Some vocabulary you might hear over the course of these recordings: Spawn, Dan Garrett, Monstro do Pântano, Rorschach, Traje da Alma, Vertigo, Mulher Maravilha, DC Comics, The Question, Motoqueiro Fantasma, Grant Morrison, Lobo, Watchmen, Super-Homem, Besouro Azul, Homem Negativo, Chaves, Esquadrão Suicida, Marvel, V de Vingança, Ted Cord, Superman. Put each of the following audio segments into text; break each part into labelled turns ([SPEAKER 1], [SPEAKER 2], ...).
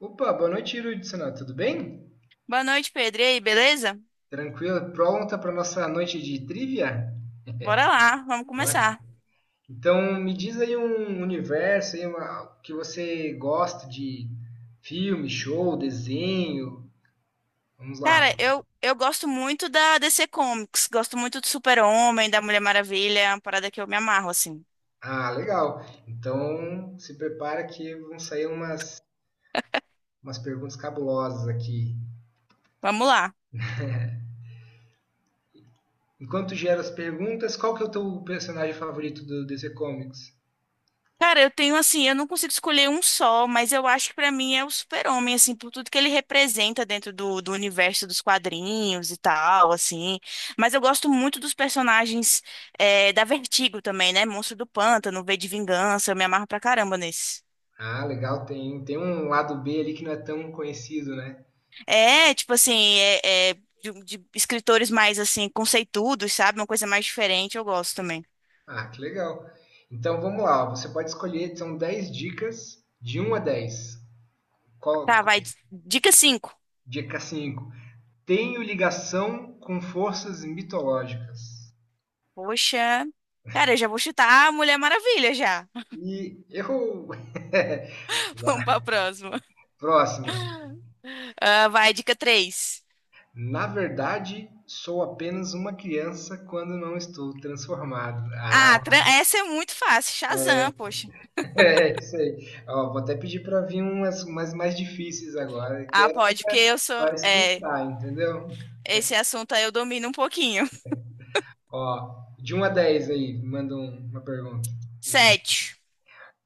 [SPEAKER 1] Opa, boa noite, Irudson. Tudo bem?
[SPEAKER 2] Boa noite, Pedro. E aí, beleza?
[SPEAKER 1] Tranquilo? Pronta para nossa noite de trivia?
[SPEAKER 2] Bora lá, vamos
[SPEAKER 1] Bora.
[SPEAKER 2] começar.
[SPEAKER 1] Então, me diz aí um universo aí, que você gosta de filme, show, desenho. Vamos
[SPEAKER 2] Cara,
[SPEAKER 1] lá.
[SPEAKER 2] eu, eu gosto muito da DC Comics, gosto muito do Super-Homem, da Mulher Maravilha, é uma parada que eu me amarro, assim.
[SPEAKER 1] Ah, legal. Então, se prepara que vão sair umas perguntas cabulosas aqui.
[SPEAKER 2] Vamos lá.
[SPEAKER 1] Enquanto gera as perguntas, qual que é o teu personagem favorito do DC Comics?
[SPEAKER 2] Cara, eu tenho assim, eu não consigo escolher um só, mas eu acho que pra mim é o Super-Homem, assim, por tudo que ele representa dentro do universo dos quadrinhos e tal, assim. Mas eu gosto muito dos personagens da Vertigo também, né? Monstro do Pântano, V de Vingança, eu me amarro pra caramba nesse.
[SPEAKER 1] Ah, legal. Tem um lado B ali que não é tão conhecido, né?
[SPEAKER 2] Tipo assim, de, de escritores mais assim, conceituados, sabe? Uma coisa mais diferente, eu gosto também.
[SPEAKER 1] Ah, que legal. Então vamos lá, você pode escolher, são dez dicas de um a 10. Qual,
[SPEAKER 2] Tá, vai. Dica 5.
[SPEAKER 1] dica 5. Tenho ligação com forças mitológicas.
[SPEAKER 2] Poxa. Cara, eu já vou chutar a Mulher Maravilha já.
[SPEAKER 1] E errou!
[SPEAKER 2] Vamos pra próxima.
[SPEAKER 1] Próxima.
[SPEAKER 2] Ah, vai, dica 3.
[SPEAKER 1] Na verdade, sou apenas uma criança quando não estou transformado. Ah,
[SPEAKER 2] Ah, essa é muito fácil. Shazam, poxa.
[SPEAKER 1] é isso aí. Ó, vou até pedir para vir umas mais difíceis agora, que
[SPEAKER 2] Ah,
[SPEAKER 1] é
[SPEAKER 2] pode, porque eu sou.
[SPEAKER 1] para
[SPEAKER 2] É,
[SPEAKER 1] esquentar, entendeu?
[SPEAKER 2] esse assunto aí eu domino um pouquinho.
[SPEAKER 1] Ó, de um a 10 aí, manda uma pergunta. Hum.
[SPEAKER 2] 7.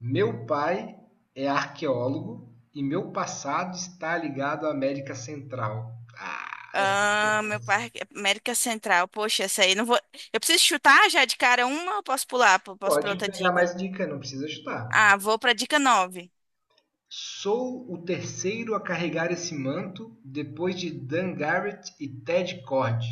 [SPEAKER 1] Meu pai é arqueólogo e meu passado está ligado à América Central. Ah, essa ficou
[SPEAKER 2] Ah, meu
[SPEAKER 1] fácil.
[SPEAKER 2] parque. América Central. Poxa, essa aí não vou. Eu preciso chutar já de cara uma ou posso pular? Posso pra
[SPEAKER 1] Pode
[SPEAKER 2] outra
[SPEAKER 1] pegar
[SPEAKER 2] dica?
[SPEAKER 1] mais dica, não precisa chutar.
[SPEAKER 2] Ah, vou pra dica 9.
[SPEAKER 1] Sou o terceiro a carregar esse manto depois de Dan Garrett e Ted Cord.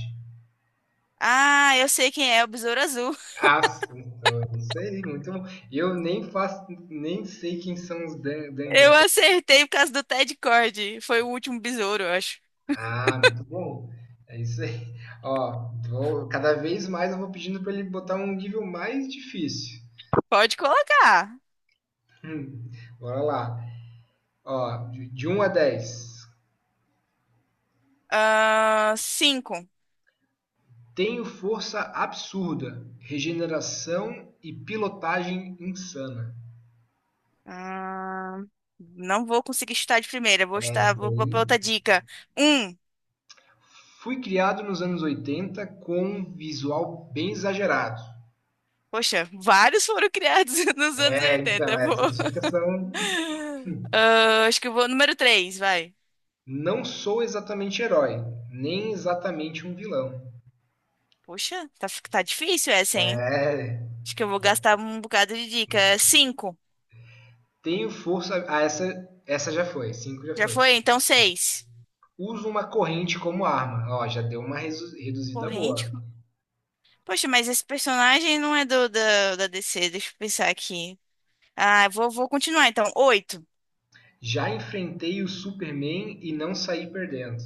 [SPEAKER 2] Ah, eu sei quem é o Besouro Azul.
[SPEAKER 1] Acertou, isso aí, muito bom. Eu nem faço, nem sei quem são os Dan
[SPEAKER 2] Eu
[SPEAKER 1] Garrett.
[SPEAKER 2] acertei por causa do Ted Cord. Foi o último besouro, eu acho.
[SPEAKER 1] Ah, muito bom. É isso aí. Ó, vou- cada vez mais eu vou pedindo para ele botar um nível mais difícil.
[SPEAKER 2] Pode colocar.
[SPEAKER 1] Hum, bora lá. Ó, de 1 a dez.
[SPEAKER 2] Ah, cinco.
[SPEAKER 1] Tenho força absurda, regeneração e pilotagem insana.
[SPEAKER 2] Ah, não vou conseguir chutar de primeira. Vou chutar,
[SPEAKER 1] Essa
[SPEAKER 2] vou, vou pra
[SPEAKER 1] aí.
[SPEAKER 2] outra dica. Um.
[SPEAKER 1] Fui criado nos anos 80 com um visual bem exagerado.
[SPEAKER 2] Poxa, vários foram criados nos anos
[SPEAKER 1] É,
[SPEAKER 2] 80.
[SPEAKER 1] então,
[SPEAKER 2] Eu vou.
[SPEAKER 1] essas dicas são.
[SPEAKER 2] Ah, acho que eu vou número três, vai.
[SPEAKER 1] Não sou exatamente herói, nem exatamente um vilão.
[SPEAKER 2] Poxa, tá, tá difícil essa, hein?
[SPEAKER 1] É,
[SPEAKER 2] Acho que eu vou gastar um bocado de dica. Cinco.
[SPEAKER 1] tenho força. Ah, essa já foi. Cinco já
[SPEAKER 2] Já
[SPEAKER 1] foi.
[SPEAKER 2] foi? Então seis.
[SPEAKER 1] Uso uma corrente como arma. Ó, já deu uma reduzida
[SPEAKER 2] Corrente.
[SPEAKER 1] boa.
[SPEAKER 2] Poxa, mas esse personagem não é da DC, deixa eu pensar aqui. Ah, vou continuar então. Oito.
[SPEAKER 1] Já enfrentei o Superman e não saí perdendo.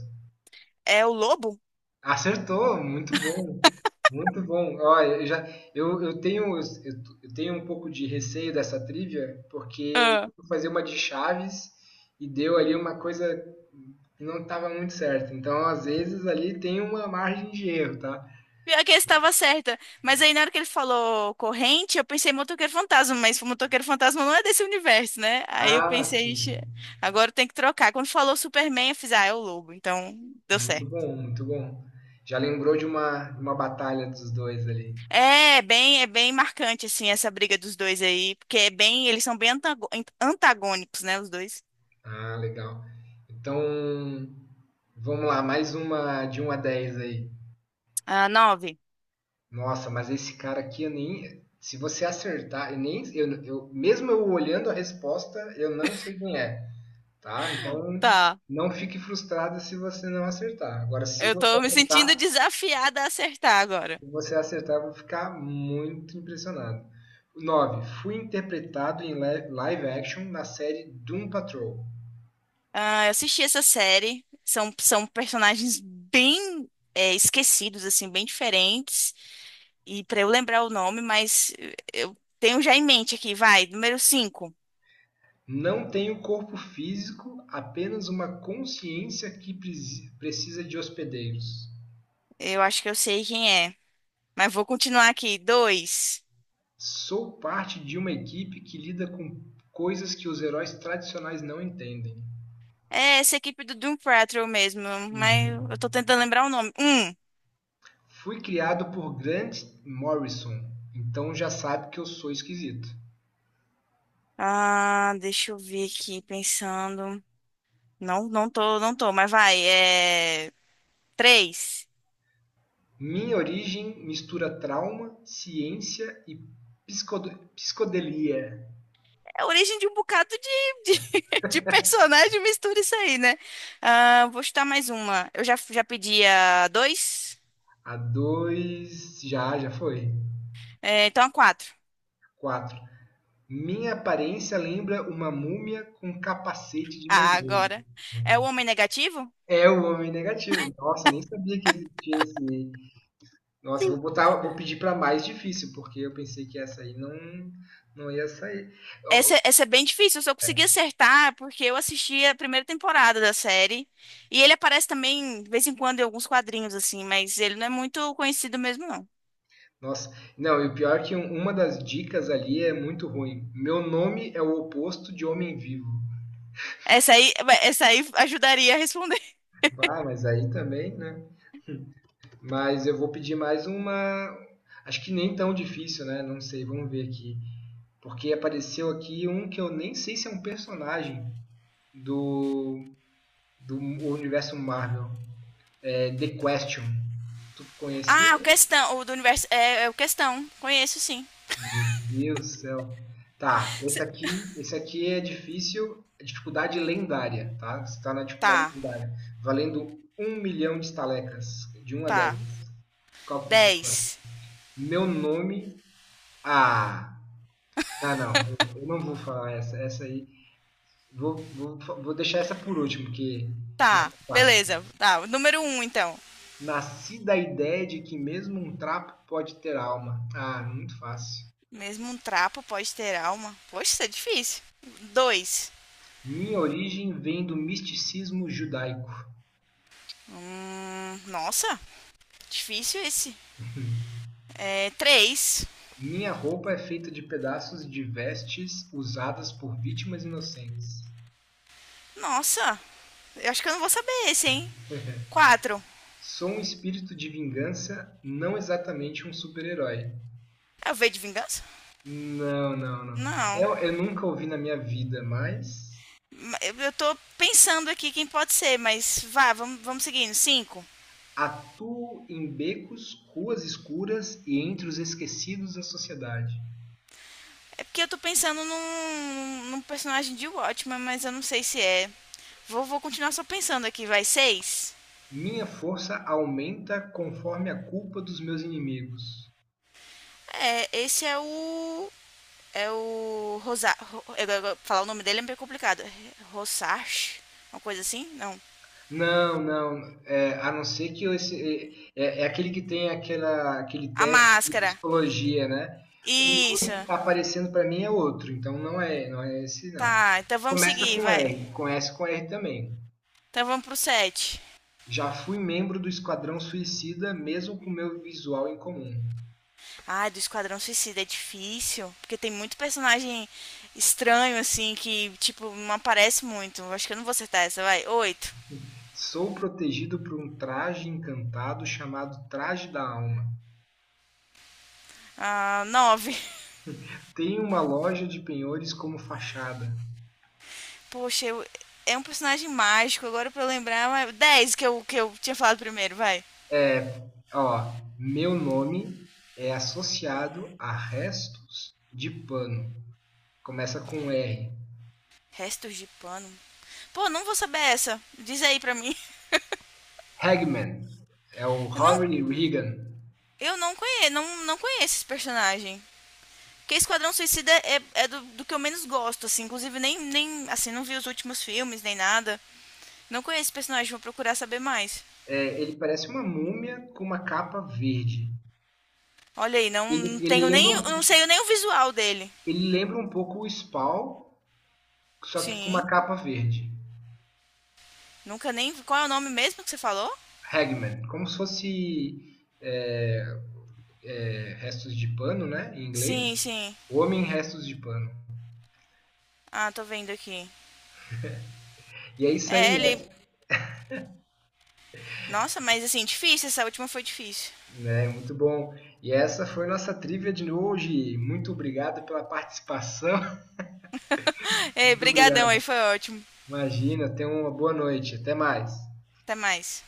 [SPEAKER 2] É o lobo?
[SPEAKER 1] Acertou, muito bom. Muito bom. Olha eu já eu, eu tenho eu, eu tenho um pouco de receio dessa trivia, porque
[SPEAKER 2] Ah.
[SPEAKER 1] eu fui fazer uma de Chaves e deu ali uma coisa que não estava muito certa. Então, às vezes ali tem uma margem de erro, tá?
[SPEAKER 2] Pior que eu estava certa. Mas aí na hora que ele falou corrente, eu pensei em motoqueiro fantasma, mas o motoqueiro fantasma não é desse universo, né? Aí eu
[SPEAKER 1] Ah,
[SPEAKER 2] pensei,
[SPEAKER 1] sim.
[SPEAKER 2] "Ixi, agora tem que trocar." Quando falou Superman, eu fiz, ah, é o Lobo, então deu
[SPEAKER 1] Muito
[SPEAKER 2] certo.
[SPEAKER 1] bom, muito bom. Já lembrou de uma batalha dos dois ali.
[SPEAKER 2] É bem marcante assim essa briga dos dois aí, porque é bem, eles são bem antagônicos, né, os dois.
[SPEAKER 1] Ah, legal. Então, vamos lá, mais uma de um a 10 aí.
[SPEAKER 2] Ah, nove.
[SPEAKER 1] Nossa, mas esse cara aqui eu nem. Se você acertar, eu nem, eu- mesmo eu olhando a resposta, eu não sei quem é, tá? Então,
[SPEAKER 2] Tá.
[SPEAKER 1] não fique frustrado se você não acertar. Agora, se
[SPEAKER 2] Eu
[SPEAKER 1] você
[SPEAKER 2] tô me sentindo
[SPEAKER 1] acertar,
[SPEAKER 2] desafiada a acertar agora.
[SPEAKER 1] se você acertar, eu vou ficar muito impressionado. 9. Fui interpretado em live action na série Doom Patrol.
[SPEAKER 2] Ah, eu assisti essa série. São personagens bem esquecidos, assim, bem diferentes. E pra eu lembrar o nome, mas eu tenho já em mente aqui, vai. Número 5.
[SPEAKER 1] Não tenho corpo físico, apenas uma consciência que precisa de hospedeiros.
[SPEAKER 2] Eu acho que eu sei quem é. Mas vou continuar aqui. Dois.
[SPEAKER 1] Sou parte de uma equipe que lida com coisas que os heróis tradicionais não entendem.
[SPEAKER 2] É essa equipe do Doom Patrol mesmo. Mas eu
[SPEAKER 1] Uhum.
[SPEAKER 2] tô tentando lembrar o nome. Um.
[SPEAKER 1] Fui criado por Grant Morrison, então já sabe que eu sou esquisito.
[SPEAKER 2] Ah, deixa eu ver aqui, pensando. Não, não tô, mas vai. É. Três.
[SPEAKER 1] Minha origem mistura trauma, ciência e psicodelia.
[SPEAKER 2] É a origem de um bocado de personagem, mistura isso aí, né? Ah, vou chutar mais uma. Eu já, já pedi a dois,
[SPEAKER 1] A dois. Já foi.
[SPEAKER 2] é, então a quatro.
[SPEAKER 1] Quatro. Minha aparência lembra uma múmia com capacete de
[SPEAKER 2] Ah,
[SPEAKER 1] mergulho.
[SPEAKER 2] agora. É o Homem Negativo?
[SPEAKER 1] É o homem negativo. Nossa, nem sabia que existia esse. Nossa,
[SPEAKER 2] Sim.
[SPEAKER 1] vou pedir para mais difícil, porque eu pensei que essa aí não, não ia sair.
[SPEAKER 2] Essa é bem difícil, eu só consegui acertar porque eu assisti a primeira temporada da série. E ele aparece também, de vez em quando, em alguns quadrinhos, assim, mas ele não é muito conhecido mesmo, não.
[SPEAKER 1] Nossa, não, e o pior é que uma das dicas ali é muito ruim. Meu nome é o oposto de homem vivo.
[SPEAKER 2] Essa aí, essa aí ajudaria a responder.
[SPEAKER 1] Ah, mas aí também, né? Mas eu vou pedir mais uma. Acho que nem tão difícil, né? Não sei, vamos ver aqui. Porque apareceu aqui um que eu nem sei se é um personagem do, do universo Marvel. É The Question. Tu conhecia?
[SPEAKER 2] Ah, o questão, o do universo. É, é o questão. Conheço sim.
[SPEAKER 1] Meu Deus do céu. Tá,
[SPEAKER 2] Se-
[SPEAKER 1] esse aqui é difícil, é dificuldade lendária, tá? Você tá na dificuldade
[SPEAKER 2] Tá,
[SPEAKER 1] lendária. Valendo um milhão de estalecas, de um a
[SPEAKER 2] tá.
[SPEAKER 1] 10. Qual que você escolhe?
[SPEAKER 2] Dez.
[SPEAKER 1] Meu nome. Ah, não, eu não vou falar essa aí. Vou deixar essa por último, porque não é
[SPEAKER 2] Tá,
[SPEAKER 1] muito fácil.
[SPEAKER 2] beleza. Tá, o número um, então.
[SPEAKER 1] Nasci da ideia de que mesmo um trapo pode ter alma. Ah, muito fácil.
[SPEAKER 2] Mesmo um trapo pode ter alma. Poxa, isso é difícil. Dois.
[SPEAKER 1] Minha origem vem do misticismo judaico.
[SPEAKER 2] Nossa, difícil esse. É, três.
[SPEAKER 1] Minha roupa é feita de pedaços de vestes usadas por vítimas inocentes.
[SPEAKER 2] Nossa, eu acho que eu não vou saber esse, hein? Quatro.
[SPEAKER 1] Sou um espírito de vingança, não exatamente um super-herói.
[SPEAKER 2] É o V de Vingança?
[SPEAKER 1] Não, não, não.
[SPEAKER 2] Não.
[SPEAKER 1] Eu nunca ouvi na minha vida, mas
[SPEAKER 2] Eu tô pensando aqui quem pode ser, mas vá, vamos, vamos seguindo. Cinco.
[SPEAKER 1] atuo em becos, ruas escuras e entre os esquecidos da sociedade.
[SPEAKER 2] É porque eu tô pensando num personagem de Watchmen, mas eu não sei se é. Vou continuar só pensando aqui, vai. Seis.
[SPEAKER 1] Minha força aumenta conforme a culpa dos meus inimigos.
[SPEAKER 2] É, esse é o. É o. Rosa, falar o nome dele é meio complicado. Rosarch? Uma coisa assim? Não.
[SPEAKER 1] Não, não. É, a não ser que eu esse, é, é é aquele que tem aquele
[SPEAKER 2] A
[SPEAKER 1] teste de
[SPEAKER 2] máscara.
[SPEAKER 1] psicologia, né? O nome
[SPEAKER 2] Isso.
[SPEAKER 1] que está aparecendo para mim é outro, então não é esse não.
[SPEAKER 2] Tá, então vamos
[SPEAKER 1] Começa
[SPEAKER 2] seguir,
[SPEAKER 1] com
[SPEAKER 2] vai.
[SPEAKER 1] R, conhece com R também.
[SPEAKER 2] Então vamos pro 7.
[SPEAKER 1] Já fui membro do Esquadrão Suicida, mesmo com meu visual incomum.
[SPEAKER 2] Ai, do Esquadrão Suicida é difícil. Porque tem muito personagem estranho, assim, que, tipo, não aparece muito. Eu acho que eu não vou acertar essa, vai. Oito.
[SPEAKER 1] Sou protegido por um traje encantado chamado Traje da Alma.
[SPEAKER 2] Ah, 9.
[SPEAKER 1] Tenho uma loja de penhores como fachada.
[SPEAKER 2] Poxa, é um personagem mágico. Agora pra eu lembrar, mas 10 que eu tinha falado primeiro, vai.
[SPEAKER 1] É, ó, meu nome é associado a restos de pano. Começa com R.
[SPEAKER 2] Restos de pano. Pô, não vou saber essa. Diz aí pra mim.
[SPEAKER 1] Hagman é o
[SPEAKER 2] Eu não,
[SPEAKER 1] Harry Regan.
[SPEAKER 2] eu não conheço, não conheço esse personagem. Porque Esquadrão Suicida é, é do que eu menos gosto, assim. Inclusive, nem. Assim, não vi os últimos filmes, nem nada. Não conheço esse personagem, vou procurar saber mais.
[SPEAKER 1] É, ele parece uma múmia com uma capa verde.
[SPEAKER 2] Olha aí, não,
[SPEAKER 1] Ele,
[SPEAKER 2] não
[SPEAKER 1] ele,
[SPEAKER 2] tenho
[SPEAKER 1] lembra,
[SPEAKER 2] nem. Não
[SPEAKER 1] um,
[SPEAKER 2] sei nem o visual dele.
[SPEAKER 1] ele lembra um pouco o Spawn só que com uma
[SPEAKER 2] Sim.
[SPEAKER 1] capa verde.
[SPEAKER 2] Nunca nem. Qual é o nome mesmo que você falou?
[SPEAKER 1] Hagman, como se fosse restos de pano, né? Em inglês.
[SPEAKER 2] Sim, sim.
[SPEAKER 1] O homem em restos de pano.
[SPEAKER 2] Ah, tô vendo aqui.
[SPEAKER 1] E é isso
[SPEAKER 2] É,
[SPEAKER 1] aí,
[SPEAKER 2] ele. Nossa, mas assim, difícil. Essa última foi difícil.
[SPEAKER 1] né? Muito bom. E essa foi nossa trivia de hoje. Muito obrigado pela participação.
[SPEAKER 2] Ei,
[SPEAKER 1] Muito
[SPEAKER 2] brigadão
[SPEAKER 1] obrigado.
[SPEAKER 2] aí, foi ótimo.
[SPEAKER 1] Imagina, tenha uma boa noite. Até mais.
[SPEAKER 2] Até mais.